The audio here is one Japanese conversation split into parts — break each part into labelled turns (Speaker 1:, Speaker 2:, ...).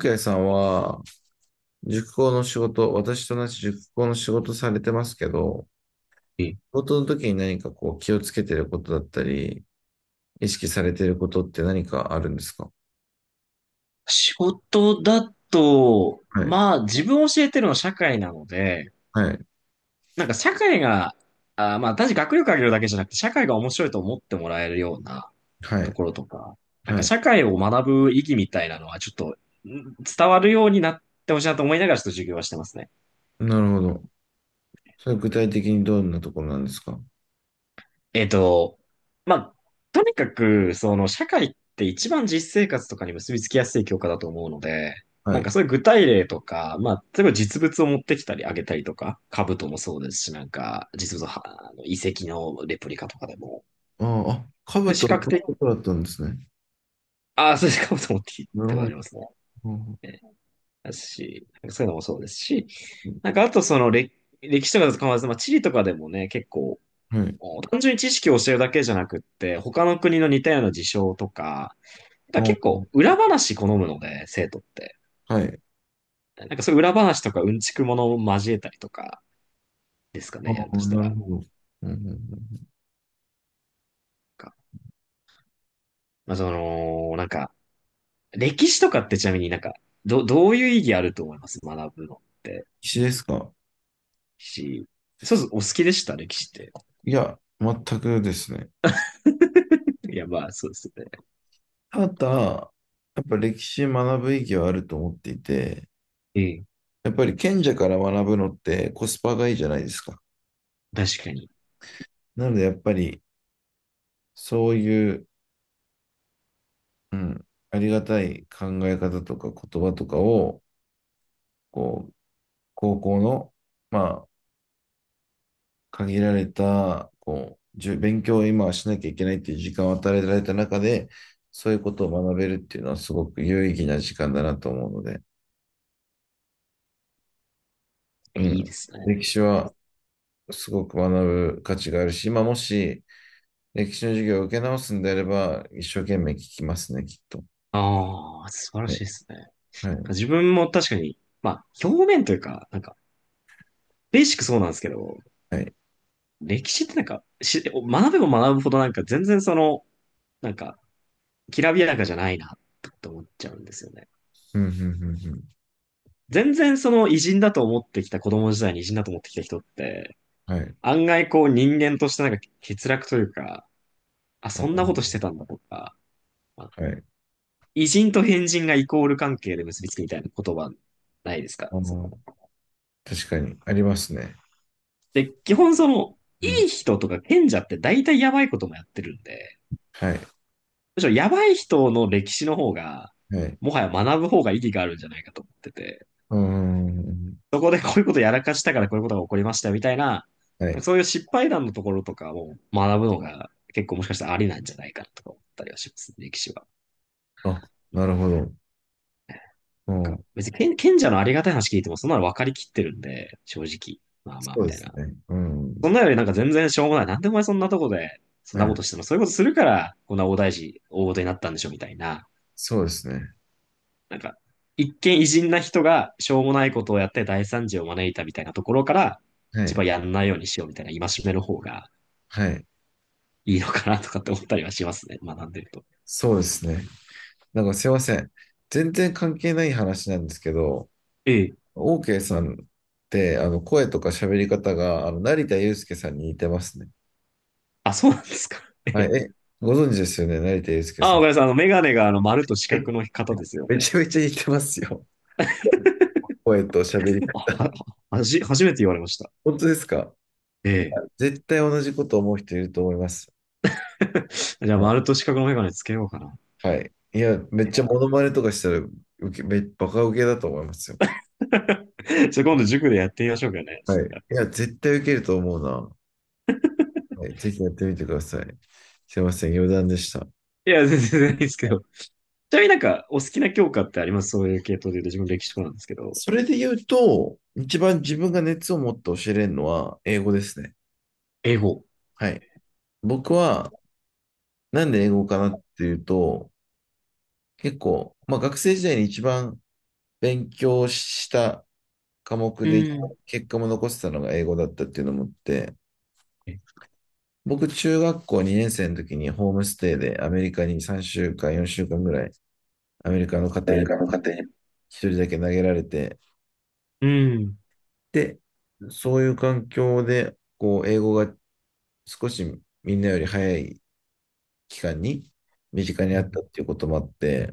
Speaker 1: ケーさんは、塾講の仕事、私と同じ塾講の仕事されてますけど、
Speaker 2: え、
Speaker 1: 仕事の時に何かこう気をつけてることだったり、意識されてることって何かあるんですか？
Speaker 2: 仕事だと、
Speaker 1: はい、
Speaker 2: まあ自分を教えてるのは社会なので、
Speaker 1: はい、
Speaker 2: なんか社会が、あー、まあ単に学力上げるだけじゃなくて、社会が面白いと思ってもらえるような
Speaker 1: は
Speaker 2: と
Speaker 1: い、
Speaker 2: ころとか、なん
Speaker 1: は
Speaker 2: か
Speaker 1: い。
Speaker 2: 社会を学ぶ意義みたいなのはちょっと伝わるようになってほしいなと思いながらちょっと授業はしてますね。
Speaker 1: なるほど。それ具体的にどんなところなんですか？
Speaker 2: えっと、まあ、とにかく、社会って一番実生活とかに結びつきやすい教科だと思うので、
Speaker 1: は
Speaker 2: なんか
Speaker 1: い。
Speaker 2: そういう具体例とか、まあ、例えば実物を持ってきたりあげたりとか、兜もそうですし、なんか、実物は、あの遺跡のレプリカとかでも、
Speaker 1: ああ、
Speaker 2: で
Speaker 1: 兜
Speaker 2: 視
Speaker 1: は
Speaker 2: 覚
Speaker 1: こ
Speaker 2: 的、
Speaker 1: ういうことだったんですね。
Speaker 2: ああ、そうで す、兜持ってき
Speaker 1: なる
Speaker 2: たこと
Speaker 1: ほ
Speaker 2: あ
Speaker 1: ど。
Speaker 2: りますね。ねだし、なんかそういうのもそうですし、なんかあとその、歴史とかだと構わらず、まあ、地理とかでもね、結構、
Speaker 1: はい。
Speaker 2: 単純に知識を教えるだけじゃなくって、他の国の似たような事象とか、
Speaker 1: あ
Speaker 2: なんか結構
Speaker 1: あ、
Speaker 2: 裏話好むので、生徒って。
Speaker 1: はい。
Speaker 2: なんかそういう裏話とかうんちくものを交えたりとかですか
Speaker 1: あ
Speaker 2: ね、やる
Speaker 1: あ、
Speaker 2: とした
Speaker 1: な
Speaker 2: ら。
Speaker 1: るほど。うんうんうん、
Speaker 2: んかまあ、その、なんか、歴史とかってちなみにどういう意義あると思います学ぶのって
Speaker 1: 必死ですか？
Speaker 2: し。そうそう、お好きでした歴史って。
Speaker 1: いや、全くですね。
Speaker 2: いや、まあ、そうですよね。
Speaker 1: ただ、やっぱ歴史学ぶ意義はあると思っていて、
Speaker 2: うん。
Speaker 1: やっぱり賢者から学ぶのってコスパがいいじゃないですか。
Speaker 2: 確かに。
Speaker 1: なのでやっぱりそういう、うん、ありがたい考え方とか言葉とかを、こう、高校の、まあ、限られた、こう、勉強を今はしなきゃいけないっていう時間を与えられた中で、そういうことを学べるっていうのはすごく有意義な時間だなと思うので、
Speaker 2: え、
Speaker 1: う
Speaker 2: いい
Speaker 1: ん、
Speaker 2: です
Speaker 1: 歴
Speaker 2: ね。
Speaker 1: 史はすごく学ぶ価値があるし、まあ、もし、歴史の授業を受け直すんであれば、一生懸命聞きますね、きっと。
Speaker 2: ああ、素晴ら
Speaker 1: は
Speaker 2: しい
Speaker 1: い。
Speaker 2: ですね。
Speaker 1: はい。
Speaker 2: 自分も確かに、まあ、表面というか、なんか、ベーシックそうなんですけど、
Speaker 1: はい。
Speaker 2: 歴史ってなんか、学べば学ぶほどなんか全然その、なんか、きらびやかじゃないな、と思っちゃうんですよね。
Speaker 1: うん、うん、うん、うん。
Speaker 2: 全然その偉人だと思ってきた、子供時代に偉人だと思ってきた人って、
Speaker 1: はい。
Speaker 2: 案外こう人間としてなんか欠落というか、あ、
Speaker 1: あ
Speaker 2: そんなこ
Speaker 1: の
Speaker 2: としてたんだとか、まあ
Speaker 1: はい。
Speaker 2: 偉人と変人がイコール関係で結びつくみたいな言葉ないですか
Speaker 1: あ
Speaker 2: そ
Speaker 1: の、
Speaker 2: の。
Speaker 1: 確かに、ありますね。
Speaker 2: で、基本その、
Speaker 1: う
Speaker 2: い
Speaker 1: ん。
Speaker 2: い人とか賢者って大体やばいこともやってるんで、
Speaker 1: はい。
Speaker 2: むしろやばい人の歴史の方が、
Speaker 1: はい。
Speaker 2: もはや学ぶ方が意義があるんじゃないかと思ってて。
Speaker 1: うーん。
Speaker 2: そこでこういうことやらかしたからこういうことが起こりましたみたいな、
Speaker 1: はい。
Speaker 2: そういう失敗談のところとかを学ぶのが結構もしかしたらありなんじゃないかなとか思ったりはしますね歴史は。
Speaker 1: あ、なるほど。う
Speaker 2: なんか
Speaker 1: ん。
Speaker 2: 別に賢者のありがたい話聞いてもそんなの分かりきってるんで、正直。まあ
Speaker 1: そ
Speaker 2: まあ
Speaker 1: う
Speaker 2: み
Speaker 1: で
Speaker 2: たい
Speaker 1: す
Speaker 2: な。
Speaker 1: ね。うん。
Speaker 2: そんなよりなんか全然しょうもない。なんでお前そんなとこでそ
Speaker 1: う
Speaker 2: んなこ
Speaker 1: ん。
Speaker 2: としてもそういうことするからこんな大事になったんでしょみたいな。
Speaker 1: そうですね。
Speaker 2: なんか一見偉人な人がしょうもないことをやって大惨事を招いたみたいなところから、
Speaker 1: は
Speaker 2: 一
Speaker 1: い。
Speaker 2: 番やんないようにしようみたいな戒めの方が、
Speaker 1: はい。
Speaker 2: いいのかなとかって思ったりはしますね。学んでると。
Speaker 1: そうですね。なんかすいません。全然関係ない話なんですけど、
Speaker 2: ええ。
Speaker 1: オーケーさんって、声とか喋り方が、成田悠輔さんに似てますね。
Speaker 2: あ、そうなんですか。え
Speaker 1: はい、
Speaker 2: え。
Speaker 1: え、ご存知ですよね、成田悠輔
Speaker 2: あ、
Speaker 1: さん。
Speaker 2: 岡田さん、あの、メガネがあの、丸と四角
Speaker 1: え、
Speaker 2: の方ですよ
Speaker 1: め
Speaker 2: ね。
Speaker 1: ちゃめちゃ似てますよ。声と喋り
Speaker 2: あ、
Speaker 1: 方。
Speaker 2: は、はじ、初めて言われました。
Speaker 1: 本当ですか？
Speaker 2: え
Speaker 1: いや、
Speaker 2: え。
Speaker 1: 絶対同じこと思う人いると思います。
Speaker 2: じゃあ、
Speaker 1: はい。
Speaker 2: 丸と四角のメガネつけようかな。
Speaker 1: はい。いや、めっ ちゃモノマネとかしたら、受け、め、バカ受けだと思いますよ。
Speaker 2: じゃあ、今度塾でやってみましょうかね。
Speaker 1: はい。いや、絶対受けると思うな。はい、ぜひやってみてください。すいません、余談でした。
Speaker 2: いや、全然いいですけど。ちなみになんか、お好きな教科ってありますそういう系統で言うと、自分歴史とかなんですけど。
Speaker 1: それで言うと、一番自分が熱を持って教えれるのは英語ですね。
Speaker 2: 英語。
Speaker 1: はい。僕は、なんで英語かなっていうと、結構、まあ学生時代に一番勉強した科目
Speaker 2: う
Speaker 1: で
Speaker 2: ん。
Speaker 1: 結果も残してたのが英語だったっていうのもあって、僕中学校2年生の時にホームステイでアメリカに3週間、4週間ぐらいアメリカの家庭
Speaker 2: 誰
Speaker 1: に
Speaker 2: かの家庭に。
Speaker 1: 一人だけ投げられて、
Speaker 2: うん。
Speaker 1: で、そういう環境で、こう、英語が少しみんなより早い期間に身近に
Speaker 2: う
Speaker 1: あったっ
Speaker 2: ん。
Speaker 1: ていうこともあって、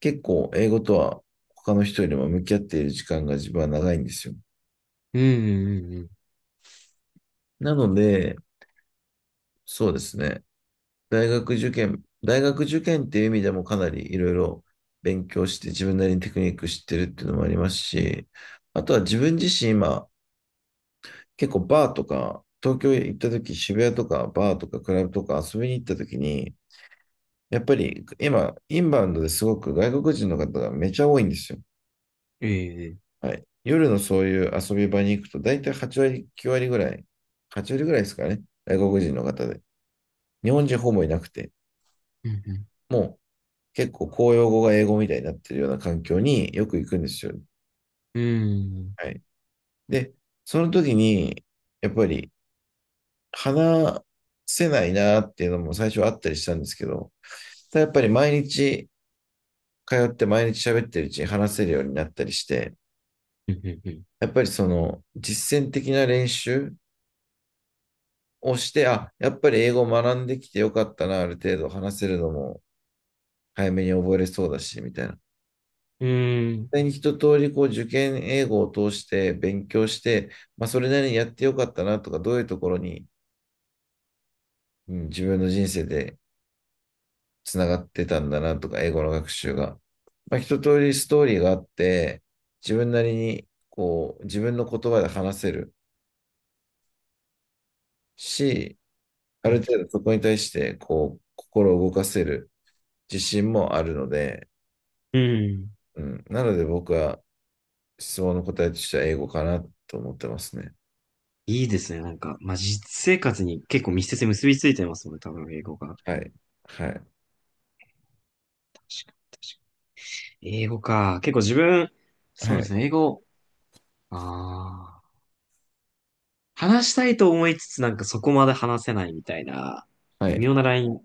Speaker 1: 結構英語とは他の人よりも向き合っている時間が自分は長いんですよ。
Speaker 2: うん。うん。うん
Speaker 1: なので、そうですね。大学受験っていう意味でもかなりいろいろ勉強して自分なりにテクニック知ってるっていうのもありますし、あとは自分自身今結構バーとか東京行った時渋谷とかバーとかクラブとか遊びに行った時に、やっぱり今インバウンドですごく外国人の方がめちゃ多いんですよ。
Speaker 2: ええ。
Speaker 1: はい。夜のそういう遊び場に行くと大体8割、9割ぐらい、8割ぐらいですかね。外国人の方で。日本人ほぼいなくて。
Speaker 2: うん。
Speaker 1: もう結構公用語が英語みたいになってるような環境によく行くんですよ。
Speaker 2: うん。うん。
Speaker 1: はい。で、その時に、やっぱり話せないなっていうのも最初はあったりしたんですけど、ただやっぱり毎日通って毎日喋ってるうちに話せるようになったりして、
Speaker 2: うん。うん。うん。うん
Speaker 1: やっぱりその実践的な練習をして、あ、やっぱり英語を学んできてよかったな、ある程度話せるのも早めに覚えれそうだし、みたいな。
Speaker 2: うーん。
Speaker 1: 際に一通りこう受験英語を通して勉強して、まあ、それなりにやってよかったなとか、どういうところに、うん、自分の人生でつながってたんだなとか、英語の学習が。まあ、一通りストーリーがあって、自分なりにこう自分の言葉で話せるし、あ
Speaker 2: う
Speaker 1: る
Speaker 2: ん
Speaker 1: 程度そこに対してこう心を動かせる自信もあるので、うん、なので僕は質問の答えとしては英語かなと思ってますね。
Speaker 2: いいですね。なんか、まあ、実生活に結構密接に結びついてますもんね、多分、英語が。
Speaker 1: はい。はい。
Speaker 2: 英語か。結構自分、
Speaker 1: は
Speaker 2: そうで
Speaker 1: い。
Speaker 2: すね、英語、ああ、話したいと思いつつ、なんかそこまで話せないみたいな、
Speaker 1: は
Speaker 2: 微
Speaker 1: い。
Speaker 2: 妙なライン、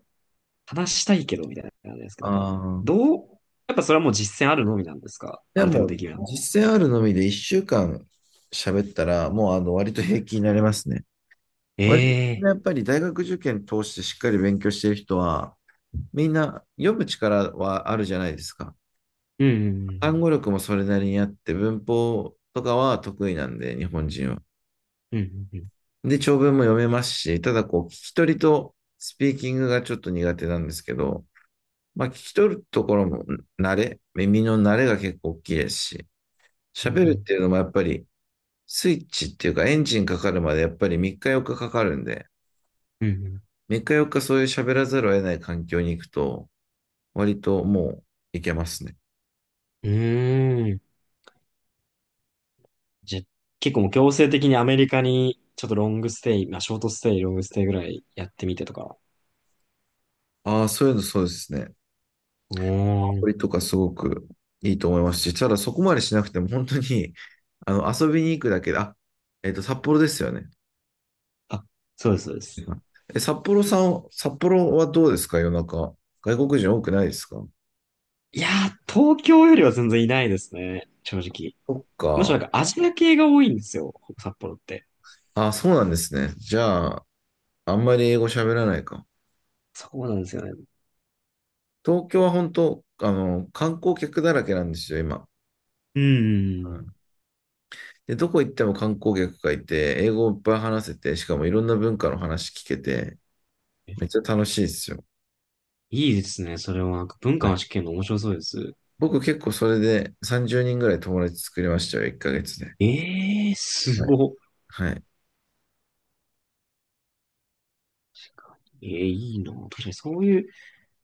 Speaker 2: 話したいけど、みたいな感じですけど、
Speaker 1: あ
Speaker 2: なんか、
Speaker 1: あ。
Speaker 2: どう、やっぱそれはもう実践あるのみなんですかあ
Speaker 1: で
Speaker 2: る程度
Speaker 1: も
Speaker 2: で
Speaker 1: う、
Speaker 2: きるの。
Speaker 1: 実践あるのみで1週間喋ったら、もう割と平気になりますね。
Speaker 2: え
Speaker 1: 割
Speaker 2: え
Speaker 1: とやっ
Speaker 2: ー
Speaker 1: ぱり大学受験通してしっかり勉強してる人は、みんな読む力はあるじゃないですか。単語力もそれなりにあって、文法とかは得意なんで、日本人は。
Speaker 2: うん。
Speaker 1: で、長文も読めますし、ただこう、聞き取りとスピーキングがちょっと苦手なんですけど、まあ、聞き取るところも耳の慣れが結構大きいですし、
Speaker 2: うんうん
Speaker 1: 喋
Speaker 2: う
Speaker 1: る
Speaker 2: んう
Speaker 1: っ
Speaker 2: ん。
Speaker 1: ていうのもやっぱり、スイッチっていうかエンジンかかるまでやっぱり3日4日かかかるんで、
Speaker 2: うんうんうん。
Speaker 1: 3日4日そういう喋らざるを得ない環境に行くと、割ともういけますね。
Speaker 2: うんうんじゃ、結構もう強制的にアメリカにちょっとロングステイ、まあショートステイ、ロングステイぐらいやってみてとか。
Speaker 1: ああ、そういうのそうですね。
Speaker 2: うー
Speaker 1: こ
Speaker 2: ん。
Speaker 1: れとかすごくいいと思いますし、ただそこまでしなくても本当に、遊びに行くだけで、あ、札幌ですよね。
Speaker 2: あ、そうです、そうです。
Speaker 1: え、札幌さん、札幌はどうですか？夜中、外国人多くないですか？
Speaker 2: いやー、東京よりは全然いないですね。正直。
Speaker 1: そっ
Speaker 2: むしろ
Speaker 1: か。
Speaker 2: なんかアジア系が多いんですよ。札幌って。
Speaker 1: あ、そうなんですね。じゃあ、あんまり英語喋らないか。
Speaker 2: そうなんですよね。
Speaker 1: 東京は本当、観光客だらけなんですよ、今。
Speaker 2: うーん。
Speaker 1: で、どこ行っても観光客がいて、英語をいっぱい話せて、しかもいろんな文化の話聞けて、
Speaker 2: え
Speaker 1: めっちゃ楽しいですよ。
Speaker 2: いいですね。それはなんか文化
Speaker 1: は
Speaker 2: の
Speaker 1: い。
Speaker 2: 試験の面白そうです。
Speaker 1: 僕結構それで30人ぐらい友達作りましたよ、1ヶ月で。
Speaker 2: ええー、す
Speaker 1: はい。
Speaker 2: ごっ。
Speaker 1: はい。
Speaker 2: ええーいいな。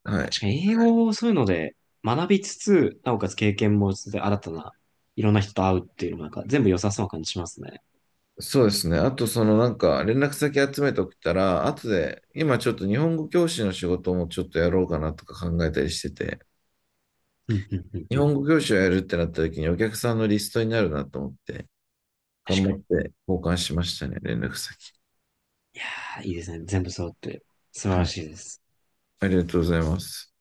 Speaker 1: はい。
Speaker 2: 確かに英語をそういうので学びつつ、なおかつ経験もしつつ、新たな、いろんな人と会うっていうのもなんか全部良さそうな感じしますね。
Speaker 1: そうですね。あと、連絡先集めておくたら、後で、今ちょっと日本語教師の仕事もちょっとやろうかなとか考えたりしてて、
Speaker 2: うん、うん、うん、
Speaker 1: 日
Speaker 2: う
Speaker 1: 本語
Speaker 2: ん。
Speaker 1: 教師をやるってなった時にお客さんのリストになるなと思って、
Speaker 2: 確
Speaker 1: 頑
Speaker 2: か
Speaker 1: 張っ
Speaker 2: に。
Speaker 1: て交換しましたね、連絡先。
Speaker 2: いやー、いいですね。全部揃って。素晴
Speaker 1: は
Speaker 2: ら
Speaker 1: い。
Speaker 2: しいです。
Speaker 1: ありがとうございます。